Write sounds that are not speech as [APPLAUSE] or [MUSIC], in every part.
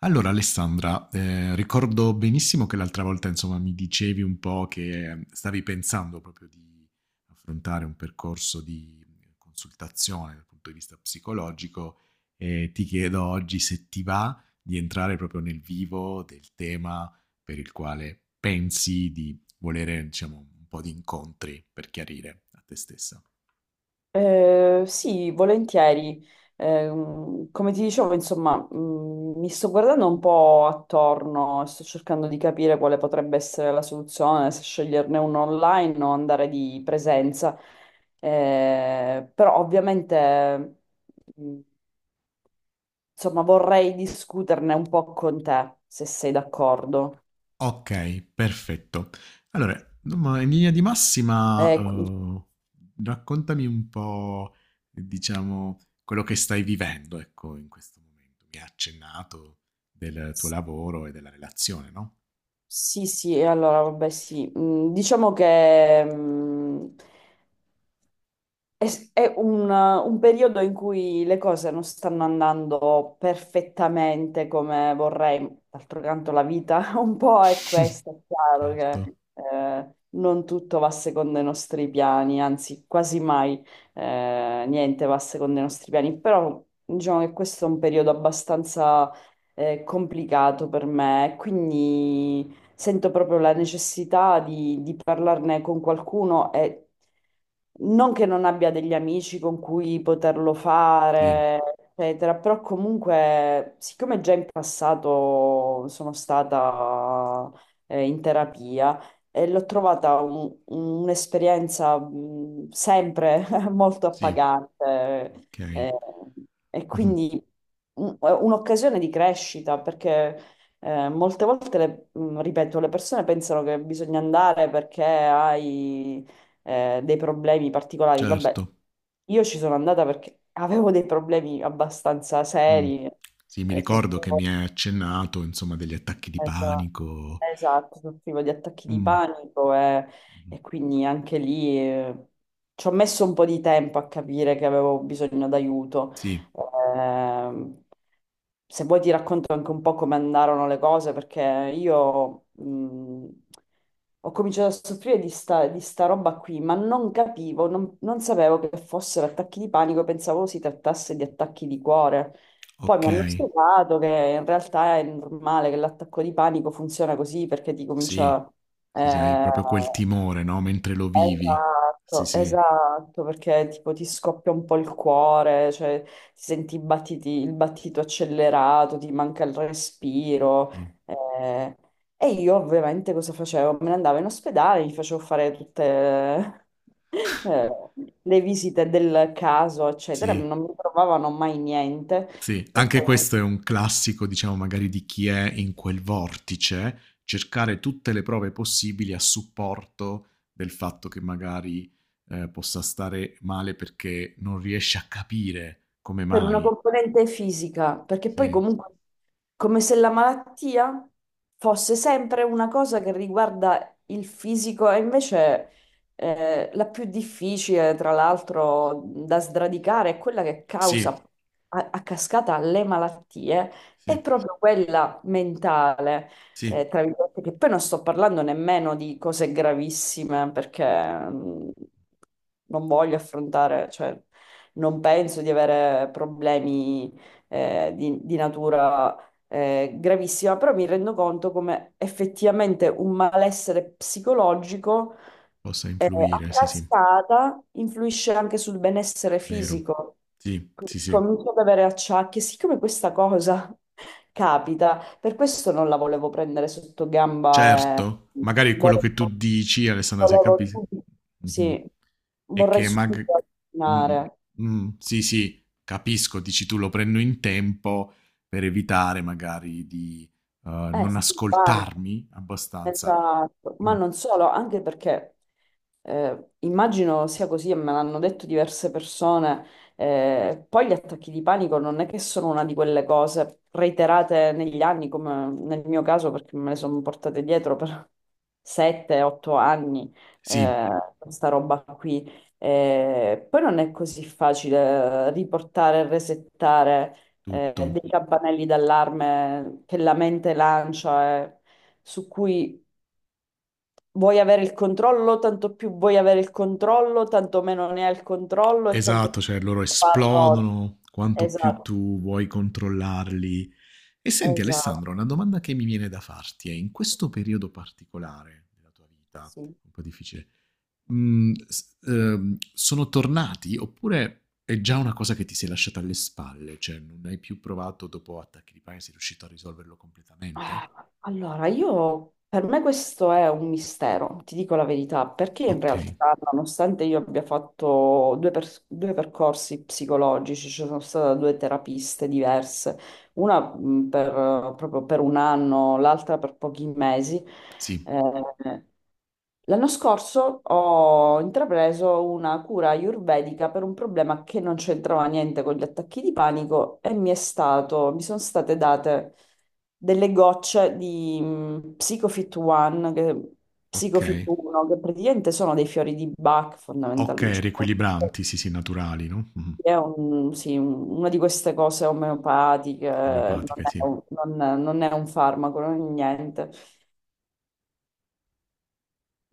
Allora Alessandra, ricordo benissimo che l'altra volta, insomma, mi dicevi un po' che stavi pensando proprio di affrontare un percorso di consultazione dal punto di vista psicologico e ti chiedo oggi se ti va di entrare proprio nel vivo del tema per il quale pensi di volere, diciamo, un po' di incontri per chiarire a te stessa. Sì, volentieri. Come ti dicevo, insomma, mi sto guardando un po' attorno e sto cercando di capire quale potrebbe essere la soluzione, se sceglierne uno online o andare di presenza. Però ovviamente, mh, insomma, vorrei discuterne un po' con te, se sei d'accordo. Okay, perfetto. Allora, insomma, in linea di massima, Eh, qu- raccontami un po', diciamo, quello che stai vivendo, ecco, in questo momento. Mi hai accennato del tuo s- lavoro e della relazione, no? sì, sì, allora vabbè, sì. Diciamo che È, è un periodo in cui le cose non stanno andando perfettamente come vorrei. D'altro canto, la vita [LAUGHS] un po' è [LAUGHS] questa, è chiaro Certo, che non tutto va secondo i nostri piani, anzi, quasi mai niente va secondo i nostri piani. Però diciamo che questo è un periodo abbastanza complicato per me, quindi sento proprio la necessità di parlarne con qualcuno e non che non abbia degli amici con cui poterlo sì, fare, eccetera, però comunque, siccome già in passato sono stata in terapia, e l'ho trovata un'esperienza sempre [LAUGHS] molto sì, appagante, okay. eh, e Mh-mh, quindi un'occasione di crescita perché molte volte, ripeto, le persone pensano che bisogna andare perché hai dei problemi particolari. certo. Vabbè, io ci sono andata perché avevo dei problemi abbastanza Mh. seri. Sì, mi ricordo che mi hai accennato, insomma, degli attacchi di Esatto, panico. esatto, sono privo di attacchi di Mh, panico mh-mh. e quindi anche lì ci ho messo un po' di tempo a capire che avevo bisogno d'aiuto. Sì, Ehm, Se vuoi ti racconto anche un po' come andarono le cose, perché io ho cominciato a soffrire di sta roba qui, ma non capivo, non sapevo che fossero attacchi di panico, pensavo si trattasse di attacchi di cuore. Poi mi hanno okay. spiegato che in realtà è normale, che l'attacco di panico funziona così perché ti Sì, comincia... sì, sì, hai eh, proprio quel timore, no, mentre lo vivi. Sì, esatto, sì, esatto, perché tipo ti scoppia un po' il cuore, cioè ti senti il battito accelerato, ti manca il respiro. sì, eh. E io ovviamente cosa facevo? Me ne andavo in ospedale, mi facevo fare tutte... [LAUGHS] eh, le visite del caso, eccetera, sì, non mi trovavano mai niente. sì. E Anche poi questo è un classico, diciamo, magari di chi è in quel vortice, cercare tutte le prove possibili a supporto del fatto che magari possa stare male perché non riesce a capire come per una mai. componente fisica, perché poi Sì, comunque come se la malattia fosse sempre una cosa che riguarda il fisico e invece la più difficile, tra l'altro, da sradicare è quella che causa sì, a cascata le malattie, è sì, proprio quella mentale. sì, Tra virgolette, che poi non sto parlando nemmeno di cose gravissime perché non voglio affrontare, cioè, non penso di avere problemi di natura gravissima, però mi rendo conto come effettivamente un malessere psicologico possa a influire, sì, sì, cascata influisce anche sul benessere vero. fisico. Sì, Quindi sì, sì. comincio ad avere acciacchi, siccome questa cosa [LAUGHS] capita, per questo non la volevo prendere sotto gamba e Certo, magari quello volevo, che tu dici, Alessandra, se volevo capisci, subito, mhm. sì, è vorrei che mag- subito mm, alternare. mm, mm, sì, sì, capisco, dici tu lo prendo in tempo per evitare magari di Eh non sì, guarda, ascoltarmi abbastanza. esatto, ma Mm, non solo, anche perché immagino sia così e me l'hanno detto diverse persone, poi gli attacchi di panico non è che sono una di quelle cose reiterate negli anni, come nel mio caso, perché me le sono portate dietro per 7-8 anni, sì, eh, questa roba qui. Poi non è così facile riportare e resettare tutto. Dei campanelli d'allarme che la mente lancia, su cui vuoi avere il controllo, tanto più vuoi avere il controllo, tanto meno ne hai il controllo e tanto Esatto, cioè loro più parroti. esplodono quanto più Esatto, tu vuoi controllarli. E senti Alessandro, esatto, una domanda che mi viene da farti è, in questo periodo particolare della tua vita, sì. un po' difficile, mhmm, s sono tornati oppure è già una cosa che ti sei lasciata alle spalle, cioè non hai più provato dopo attacchi di panico, sei riuscito a risolverlo completamente? Ah, Allora, io per me questo è un mistero, ti dico la verità, perché in Okay, realtà, nonostante io abbia fatto due percorsi psicologici, ci sono state due terapiste diverse, una proprio per un anno, l'altra per pochi mesi. sì, eh, L'anno scorso ho intrapreso una cura ayurvedica per un problema che non c'entrava niente con gli attacchi di panico e mi sono state date delle gocce di Psicofit One, Psicofit okay. 1, che praticamente sono dei fiori di Bach Okay, fondamentalmente. Cioè, riequilibranti, sì, sì, naturali, no, mh-mh, sì, una di queste cose omeopatiche, omeopatiche, sì. Non è un farmaco, non è niente.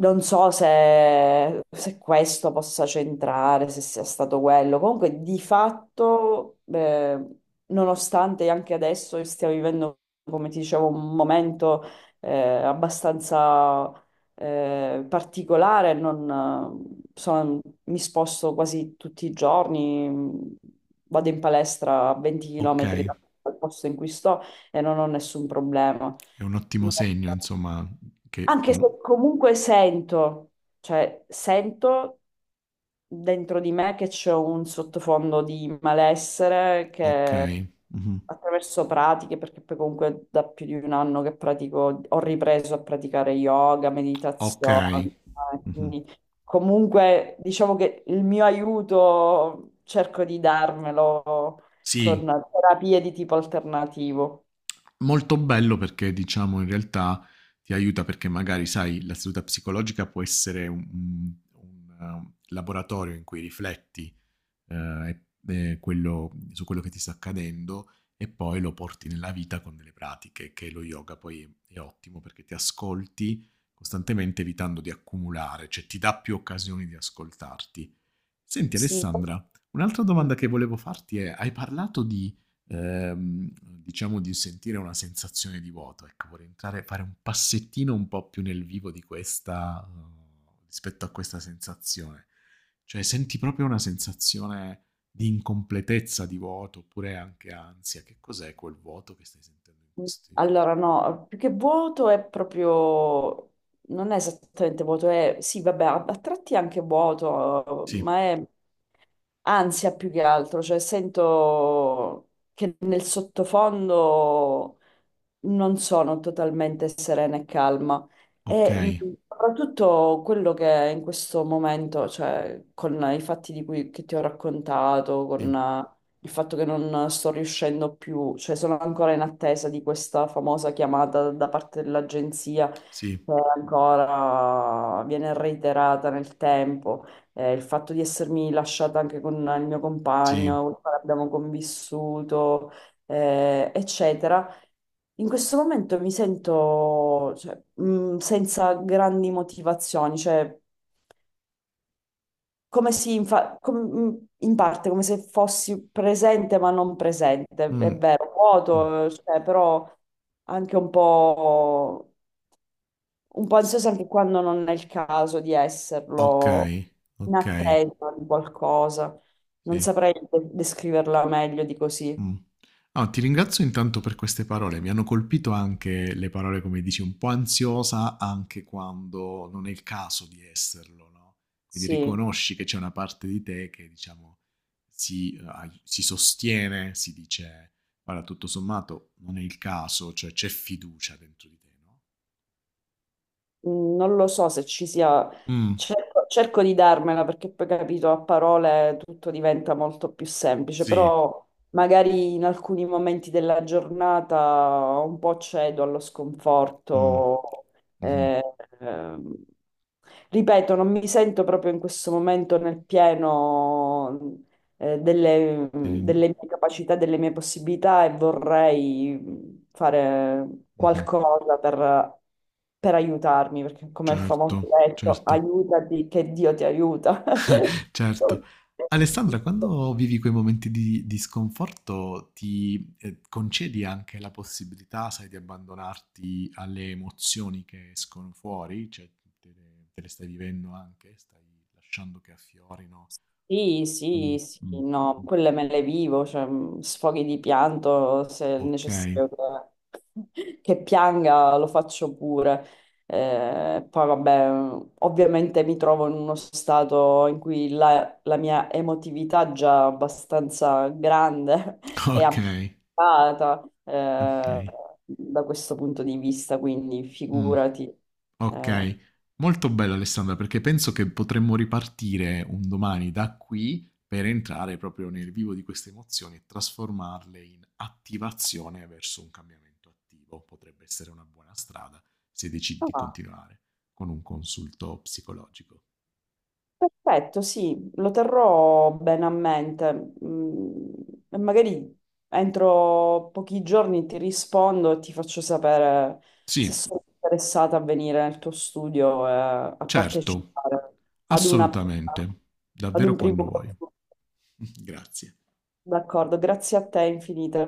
Non so se questo possa centrare, se sia stato quello. Comunque, di fatto, nonostante anche adesso stiamo vivendo, come ti dicevo, un momento abbastanza particolare, non, sono- mi sposto quasi tutti i giorni, vado in palestra a 20 km Okay, dal posto in cui sto e non ho nessun problema. è un ottimo No. segno insomma che Anche se comu comunque sento, cioè sento dentro di me che c'è un sottofondo di malessere che okay, mh-mh, attraverso pratiche, perché poi comunque da più di un anno che pratico, ho ripreso a praticare yoga, meditazione, okay, mh-mh. quindi comunque diciamo che il mio aiuto cerco di darmelo con Sì. terapie di tipo alternativo. Molto bello perché diciamo in realtà ti aiuta perché magari sai la seduta psicologica può essere un, laboratorio in cui rifletti eh, su quello che ti sta accadendo e poi lo porti nella vita con delle pratiche, che lo yoga poi è ottimo perché ti ascolti costantemente evitando di accumulare, cioè ti dà più occasioni di ascoltarti. Senti Sì, Alessandra, un'altra domanda che volevo farti è, hai parlato di, diciamo, di sentire una sensazione di vuoto, ecco, vorrei entrare, fare un passettino un po' più nel vivo di questa, rispetto a questa sensazione. Cioè, senti proprio una sensazione di incompletezza, di vuoto, oppure anche ansia. Che cos'è quel vuoto che stai sentendo in questi... allora, no, più che vuoto è proprio, non è esattamente vuoto, è, sì, vabbè, a tratti è anche vuoto, Sì, ma è ansia più che altro, cioè sento che nel sottofondo non sono totalmente serena e calma. ok, E soprattutto quello che in questo momento, cioè con i fatti di cui che ti ho raccontato, sì, con il fatto che non sto riuscendo più, cioè sono ancora in attesa di questa famosa chiamata da parte dell'agenzia sì, che ancora viene reiterata nel tempo, il fatto di essermi lasciata anche con il mio sì. compagno, con il quale abbiamo convissuto, eccetera. In questo momento mi sento, cioè, senza grandi motivazioni, cioè come si infa- com- in parte come se fossi presente ma non presente, è Mm, vero, mm. vuoto, cioè, però anche un po' S- ansiosa anche quando non è il caso di Ok, esserlo, in ok, attesa di qualcosa. Non sì. saprei descriverla meglio di così. Mh. No, ti ringrazio intanto per queste parole. Mi hanno colpito anche le parole, come dici, un po' ansiosa anche quando non è il caso di esserlo, no, quindi Sì. riconosci che c'è una parte di te che diciamo si, ai si sostiene, si dice: "Guarda, tutto sommato non è il caso", cioè c'è fiducia dentro di te, no? Non lo so se ci sia, Mh, cerco di darmela perché poi capito, a parole tutto diventa molto più semplice, sì, però magari in alcuni momenti della giornata un po' cedo allo mh, sconforto. mh-mh, eh, ehm, Ripeto, non mi sento proprio in questo momento nel pieno, ehm, delle mie capacità, delle mie possibilità e vorrei fare mh-mh, qualcosa per aiutarmi, perché come il certo, famoso detto, certo. aiutati che Dio ti aiuta. [LAUGHS] [LAUGHS] Certo. Alessandra, quando vivi quei momenti di sconforto, ti concedi anche la possibilità, sai, di abbandonarti alle emozioni che escono fuori, cioè te le stai vivendo anche, stai lasciando che affiorino. Sì, Mm, sì, sì, mm, no, mm. quelle me le vivo, cioè sfoghi di pianto se è Ok, [LAUGHS] necessario, che [LAUGHS] che pianga lo faccio pure. Poi vabbè, ovviamente mi trovo in uno stato in cui la mia emotività è già abbastanza grande [LAUGHS] e ok, abbassata ok. Da questo punto di vista, quindi Mm. figurati. Eh, Okay. Molto bello Alessandra, perché penso che potremmo ripartire un domani da qui, per entrare proprio nel vivo di queste emozioni e trasformarle in attivazione verso un cambiamento attivo. Potrebbe essere una buona strada se decidi di ah, continuare con un consulto psicologico. Perfetto, sì, lo terrò bene a mente. E magari entro pochi giorni ti rispondo e ti faccio sapere se Sì, sono interessata a venire nel tuo studio e a certo, partecipare ad una, assolutamente, ad davvero un primo quando vuoi. corso. [LAUGHS] Grazie. D'accordo, grazie a te infinite.